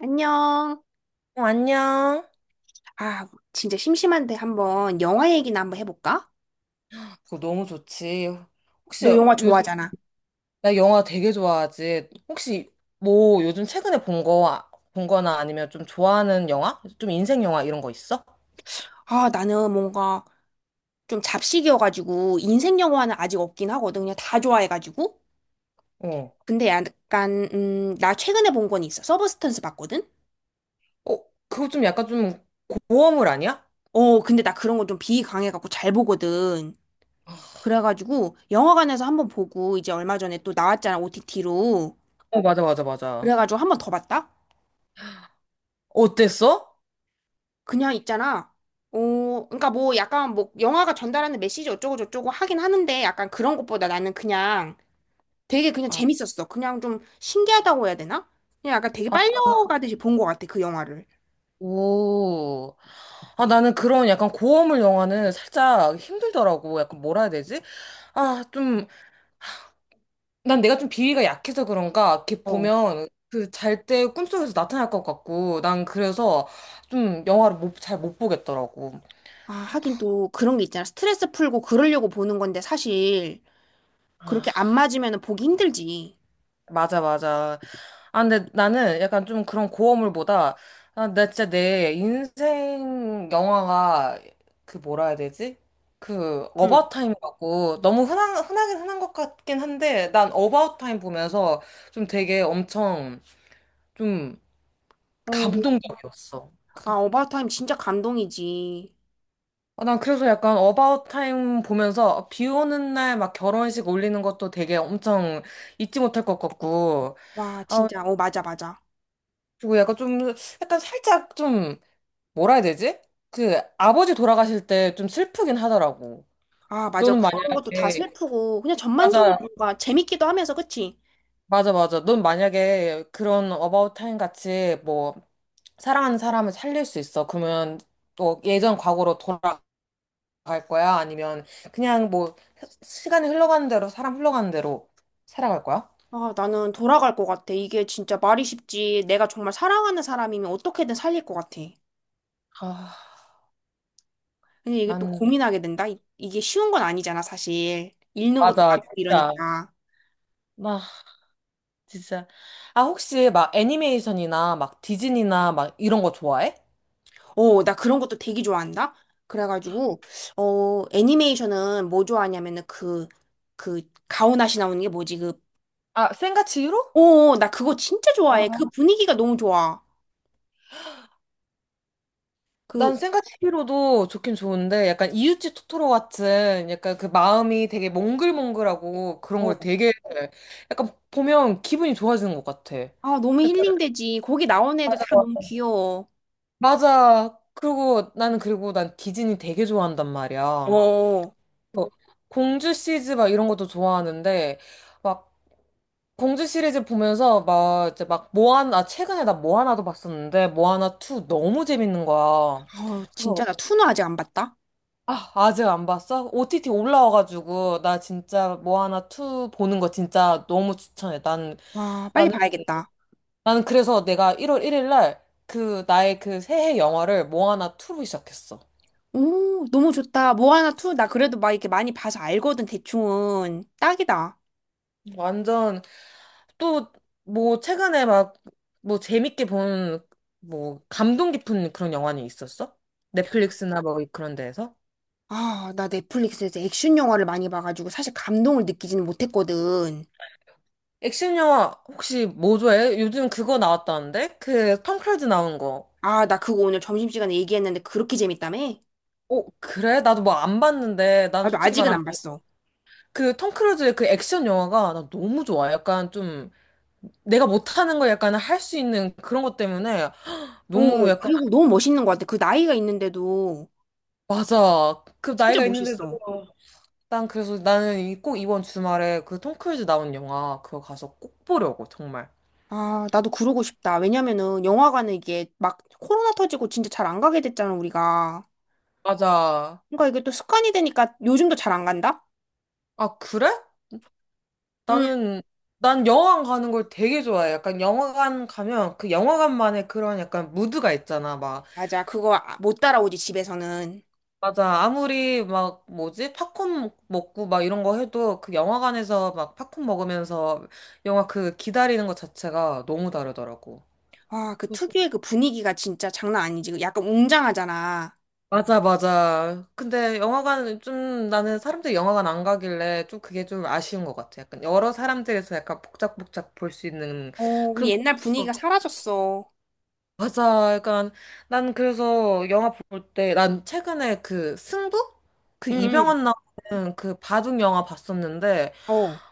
안녕. 어, 안녕. 아, 진짜 심심한데 한번 영화 얘기나 한번 해볼까? 그거 너무 좋지. 혹시 너 영화 요즘 좋아하잖아. 나 영화 되게 좋아하지. 혹시 뭐 요즘 최근에 본 거, 본 거나 아니면 좀 좋아하는 영화? 좀 인생 영화 이런 거 있어? 아, 나는 뭔가 좀 잡식이어가지고 인생 영화는 아직 없긴 하거든. 그냥 다 좋아해가지고. 어. 근데 약간 나 최근에 본 건 있어. 서브스턴스 봤거든? 어, 그거 좀 약간 좀 고어물 아니야? 어, 근데 나 그런 거 좀 비강해갖고 잘 보거든. 그래가지고 영화관에서 한번 보고 이제 얼마 전에 또 나왔잖아, OTT로. 어, 맞아, 맞아, 맞아. 그래가지고 한번 더 봤다? 어땠어? 그냥 있잖아. 어, 그러니까 뭐 약간 뭐 영화가 전달하는 메시지 어쩌고 저쩌고 하긴 하는데 약간 그런 것보다 나는 그냥 되게 그냥 아, 재밌었어. 그냥 좀 신기하다고 해야 되나? 그냥 약간 되게 아, 빨려가듯이 본 것 같아, 그 영화를. 오. 아, 나는 그런 약간 고어물 영화는 살짝 힘들더라고. 약간 뭐라 해야 되지? 아, 좀. 난 내가 좀 비위가 약해서 그런가, 이렇게 어. 보면 그 잘 때 꿈속에서 나타날 것 같고, 난 그래서 좀 영화를 못, 잘 못 보겠더라고. 아, 하긴 또 그런 게 있잖아. 스트레스 풀고 그러려고 보는 건데 사실 아, 그렇게 안 맞으면 보기 힘들지. 맞아, 맞아. 아, 근데 나는 약간 좀 그런 고어물보다, 아, 나 진짜 내 인생 영화가 그 뭐라 해야 되지? 그 응. 어바웃 타임이라고 너무 흔한 흔하긴 흔한 것 같긴 한데 난 어바웃 타임 보면서 좀 되게 엄청 좀 어, 감동적이었어. 그 아, 어바웃타임 진짜 감동이지. 아, 난 그래서 약간 어바웃 타임 보면서 아, 비 오는 날 막 결혼식 올리는 것도 되게 엄청 잊지 못할 것 같고, 와, 아, 진짜. 어, 맞아, 맞아. 그리고 약간 좀, 약간 살짝 좀, 뭐라 해야 되지? 그 아버지 돌아가실 때 좀 슬프긴 하더라고. 아, 맞아. 너는 그런 것도 다 만약에, 슬프고 그냥 전반적으로 맞아, 뭔가 재밌기도 하면서 그치? 맞아, 맞아. 넌 만약에 그런 어바웃 타임 같이 뭐, 사랑하는 사람을 살릴 수 있어. 그러면 또 예전 과거로 돌아가 갈 거야? 아니면 그냥 뭐 시간이 흘러가는 대로 사람 흘러가는 대로 살아갈 거야? 아, 나는 돌아갈 것 같아. 이게 진짜 말이 쉽지. 내가 정말 사랑하는 사람이면 어떻게든 살릴 것 같아. 아, 근데 이게 또 난 고민하게 된다. 이게 쉬운 건 아니잖아, 사실. 읽는 것도 맞아, 많고 진짜. 이러니까. 나 진짜. 아, 혹시 막 애니메이션이나 막 디즈니나 막 이런 거 좋아해? 어, 나 그런 것도 되게 좋아한다. 그래가지고, 어, 애니메이션은 뭐 좋아하냐면은 그, 가오나시 나오는 게 뭐지? 그, 아, 센과 치히로? 어, 나 그거 진짜 좋아해. 아. 그 분위기가 너무 좋아. 그, 난 센과 치히로도 좋긴 좋은데 약간 이웃집 토토로 같은 약간 그 마음이 되게 몽글몽글하고 그런 걸 어, 되게 약간 보면 기분이 좋아지는 것 같아. 아, 너무 약간 힐링되지. 거기 나오는 애들 다 너무 귀여워. 맞아. 그리고 난 디즈니 되게 좋아한단 어, 말이야. 어. 뭐 공주 시리즈 막 이런 것도 좋아하는데 막 공주 시리즈 보면서 막 이제 막 모아나 최근에 나 모아나도 봤었는데 모아나 2 너무 재밌는 거야. 아, 그래서 진짜 나 투는 아직 안 봤다. 아, 아직 안 봤어? OTT 올라와 가지고 나 진짜 모아나 2 보는 거 진짜 너무 추천해. 난 와, 빨리 나는 봐야겠다. 나는 그래서 내가 1월 1일 날 그 나의 그 새해 영화를 모아나 2로 시작했어. 오, 너무 좋다. 모아나 투 나 그래도 막 이렇게 많이 봐서 알거든, 대충은. 딱이다. 완전 또, 뭐, 최근에 막, 뭐, 재밌게 본, 뭐, 감동 깊은 그런 영화는 있었어? 넷플릭스나 뭐, 그런 데에서? 아, 나 넷플릭스에서 액션 영화를 많이 봐가지고 사실 감동을 느끼지는 못했거든. 액션 영화 혹시 뭐 좋아해? 요즘 그거 나왔다는데? 그, 톰 크루즈 나온 거. 아, 나 그거 오늘 점심시간에 얘기했는데 그렇게 재밌다며? 어, 그래? 나도 뭐 안 봤는데, 난 나도 솔직히 아직은 말하면, 안 봤어. 그, 톰 크루즈의 그 액션 영화가 나 너무 좋아. 약간 좀, 내가 못하는 걸 약간 할 수 있는 그런 것 때문에 너무 오, 약간, 그리고 너무 멋있는 것 같아. 그 나이가 있는데도 맞아. 그 진짜 나이가 있는데도, 멋있어. 난 그래서 나는 이- 꼭 이번 주말에 그 톰 크루즈 나온 영화 그거 가서 꼭 보려고 정말. 아, 나도 그러고 싶다. 왜냐면은 영화관은 이게 막 코로나 터지고 진짜 잘 안 가게 됐잖아, 우리가. 맞아. 그러니까 이게 또 습관이 되니까 요즘도 잘 안 간다? 아 그래? 응. 나는 난 영화관 가는 걸 되게 좋아해. 약간 영화관 가면 그 영화관만의 그런 약간 무드가 있잖아. 막 맞아. 못 따라오지, 집에서는. 맞아. 아무리 막 뭐지 팝콘 먹고 막 이런 거 해도 그 영화관에서 막 팝콘 먹으면서 영화 그 기다리는 것 자체가 너무 다르더라고. 아, 그 특유의 그 분위기가 진짜 장난 아니지. 그 약간 웅장하잖아. 맞아, 맞아. 근데 영화관은 좀 나는 사람들이 영화관 안 가길래 좀 그게 좀 아쉬운 것 같아. 약간 여러 사람들에서 약간 복작복작 볼 수 있는 어, 그 그런 게 옛날 없어서. 분위기가 사라졌어. 맞아. 약간 난 그래서 영화 볼 때 난 최근에 그 승부? 그 응, 이병헌 나오는 그 바둑 영화 봤었는데 응. 어,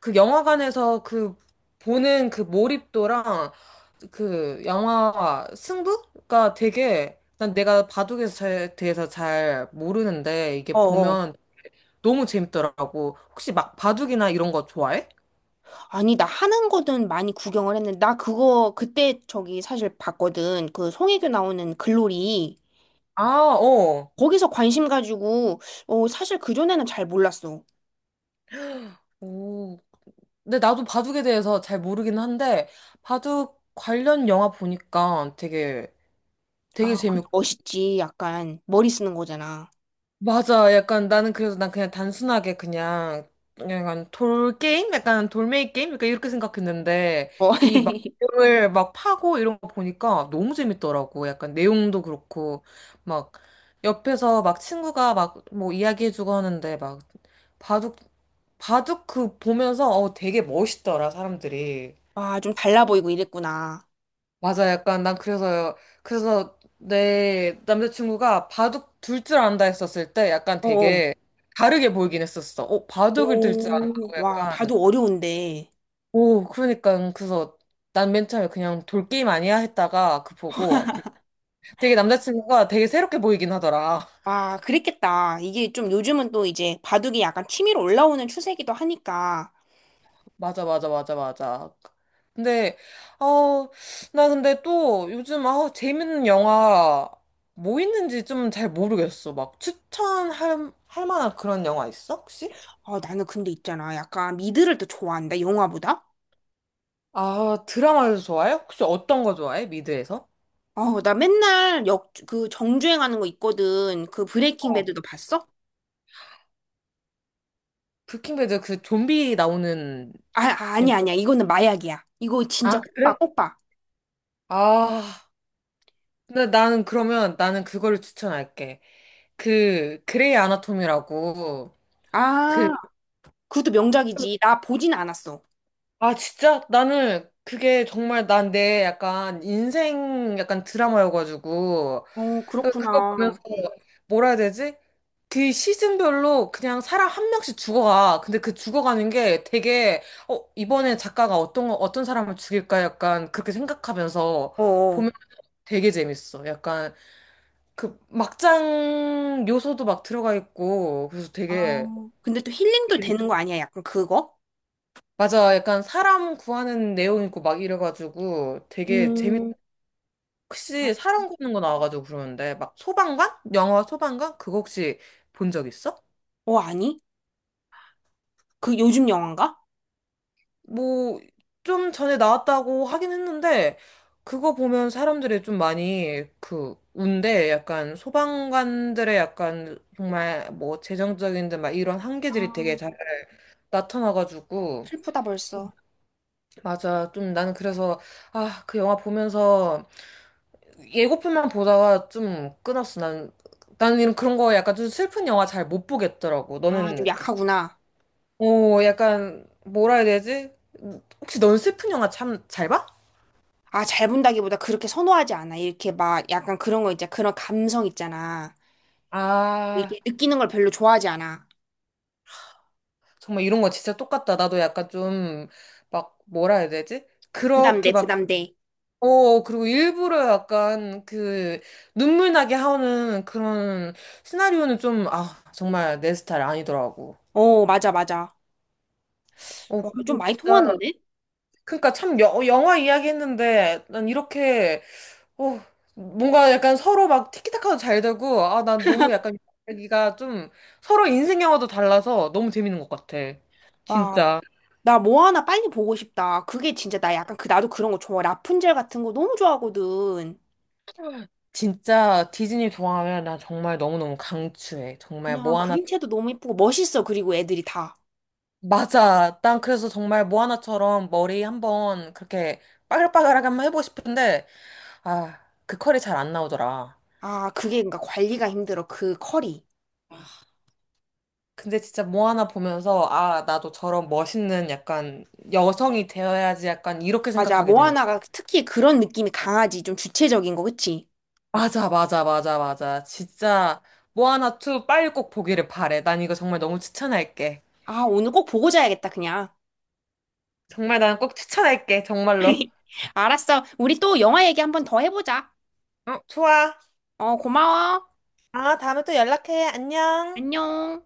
그 영화관에서 그 보는 그 몰입도랑 그 영화 승부가 되게 난 내가 대해서 잘 모르는데 어, 이게 어. 보면 너무 재밌더라고. 혹시 막 바둑이나 이런 거 좋아해? 아니, 나 하는 거는 많이 구경을 했는데, 나 그거 그때 저기 사실 봤거든. 그 송혜교 나오는 글로리. 아, 어. 거기서 관심 가지고, 어, 사실 그전에는 잘 몰랐어. 오. 근데 나도 바둑에 대해서 잘 모르긴 한데 바둑 관련 영화 보니까 되게 되게 아, 그 재밌고 멋있지. 약간 머리 쓰는 거잖아. 맞아. 약간 나는 그래서 난 그냥 단순하게 그냥 약간 돌 게임, 약간 돌메이 게임, 그러니까 이렇게 생각했는데 어. 이 막 내용을 막 파고 이런 거 보니까 너무 재밌더라고. 약간 내용도 그렇고 막 옆에서 막 친구가 막 뭐 이야기해주고 하는데 막 바둑 바둑 그 보면서 어 되게 멋있더라 사람들이. 아, 좀 달라 보이고 이랬구나. 맞아, 약간 난 그래서 내 남자친구가 바둑 둘 줄 안다 했었을 때 약간 어. 어. 되게 다르게 보이긴 했었어. 어, 바둑을 둘 줄 오, 안다고 와, 약간 바둑 어려운데. 오, 그러니까 그래서 난 맨 처음에 그냥 돌게임 아니야 했다가 그 보고 되게 남자친구가 되게 새롭게 보이긴 하더라. 아, 그랬겠다. 이게 좀 요즘은 또 이제 바둑이 약간 취미로 올라오는 추세기도 하니까. 맞아, 맞아, 맞아, 맞아. 근데, 어, 나 근데 또 요즘, 아 재밌는 영화 뭐 있는지 좀 잘 모르겠어. 막 할 만한 그런 영화 있어, 혹시? 아, 나는 근데 있잖아. 약간 미드를 또 좋아한다, 영화보다? 아, 드라마를 좋아해? 혹시 어떤 거 좋아해? 미드에서? 아, 나 맨날 역, 그 정주행하는 거 있거든. 그 브레이킹 어. 배드도 봤어? 브레이킹배드 그 좀비 나오는 영화. 아니야, 아니야. 이거는 마약이야. 이거 진짜 아, 꼭 그래? 봐, 꼭 봐. 아, 근데 나는 그러면 나는 그거를 추천할게. 그, 그레이 아나토미라고 그 아, 그것도 명작이지. 나 보진 않았어. 아, 진짜? 나는 그게 정말 난 내 약간 인생 약간 드라마여가지고 어, 그거 보면서 그렇구나. 뭐라 해야 되지? 그 시즌별로 그냥 사람 한 명씩 죽어가. 근데 그 죽어가는 게 되게 어, 이번에 작가가 어떤 사람을 죽일까 약간 그렇게 생각하면서 어, 어. 보면 되게 재밌어. 약간 그 막장 요소도 막 들어가 있고 그래서 아, 되게 근데 또 힐링도 되는 거 아니야? 약간 그거? 맞아. 약간 사람 구하는 내용 있고 막 이래가지고 되게 재밌 음. 아. 혹시 사람 굽는 거 나와가지고 그러는데 막 소방관? 영화 소방관? 그거 혹시 본 적 있어? 어, 아니? 그 요즘 영화인가? 뭐 좀 전에 나왔다고 하긴 했는데 그거 보면 사람들이 좀 많이 그 운데 약간 소방관들의 약간 정말 뭐 재정적인 데막 이런 한계들이 되게 잘 아, 나타나가지고 슬프다 벌써. 맞아 좀 나는 그래서 아 그 영화 보면서 예고편만 보다가 좀 끊었어 난 나는 이런 그런 거 약간 좀 슬픈 영화 잘 못 보겠더라고. 아, 좀 너는 약하구나. 오, 약간, 뭐라 해야 되지? 혹시 넌 슬픈 영화 참 잘 봐? 아, 잘 본다기보다 그렇게 선호하지 않아. 이렇게 막 약간 그런 거 있잖아. 그런 감성 있잖아. 아, 이렇게 느끼는 걸 별로 좋아하지 않아. 정말 이런 거 진짜 똑같다. 나도 약간 좀, 막, 뭐라 해야 되지? 그렇게 부담돼, 막, 부담돼. 어, 그리고 일부러 약간 그, 눈물 나게 하는 그런 시나리오는 좀, 아, 정말 내 스타일 아니더라고. 어, 맞아, 맞아. 어, 와, 좀 근데 많이 진짜, 통하는데? 그러니까 참 영화 이야기 했는데, 난 이렇게 어, 뭔가 약간 서로 막 티키타카도 잘 되고, 아, 난 너무 약간 여기가 좀 서로 인생 영화도 달라서 너무 재밌는 것 같아. 와, 진짜. 나 뭐 하나 빨리 보고 싶다. 그게 진짜 나 약간 그, 나도 그런 거 좋아. 라푼젤 같은 거 너무 좋아하거든. 진짜 디즈니 좋아하면 난 정말 너무너무 강추해. 정말 그냥 모아나. 그림체도 너무 예쁘고 멋있어. 그리고 애들이 다. 맞아. 난 그래서 정말 모아나처럼 머리 한번 그렇게 빠글빠글하게 한번 해보고 싶은데, 아, 그 컬이 잘 안 나오더라. 아, 그게 그러니까 관리가 힘들어. 그 컬이. 근데 진짜 모아나 보면서, 아, 나도 저런 멋있는 약간 여성이 되어야지 약간 이렇게 맞아. 생각하게 되는 모아나가 특히 그런 느낌이 강하지. 좀 주체적인 거, 그치? 맞아, 맞아, 맞아, 맞아. 진짜 모아나 2 빨리 꼭 보기를 바래. 난 이거 정말 너무 추천할게. 아, 오늘 꼭 보고 자야겠다, 그냥. 정말 난 꼭 추천할게. 정말로. 알았어. 우리 또 영화 얘기 한번 더 해보자. 어, 좋아. 어, 고마워. 아, 다음에 또 연락해. 안녕. 안녕.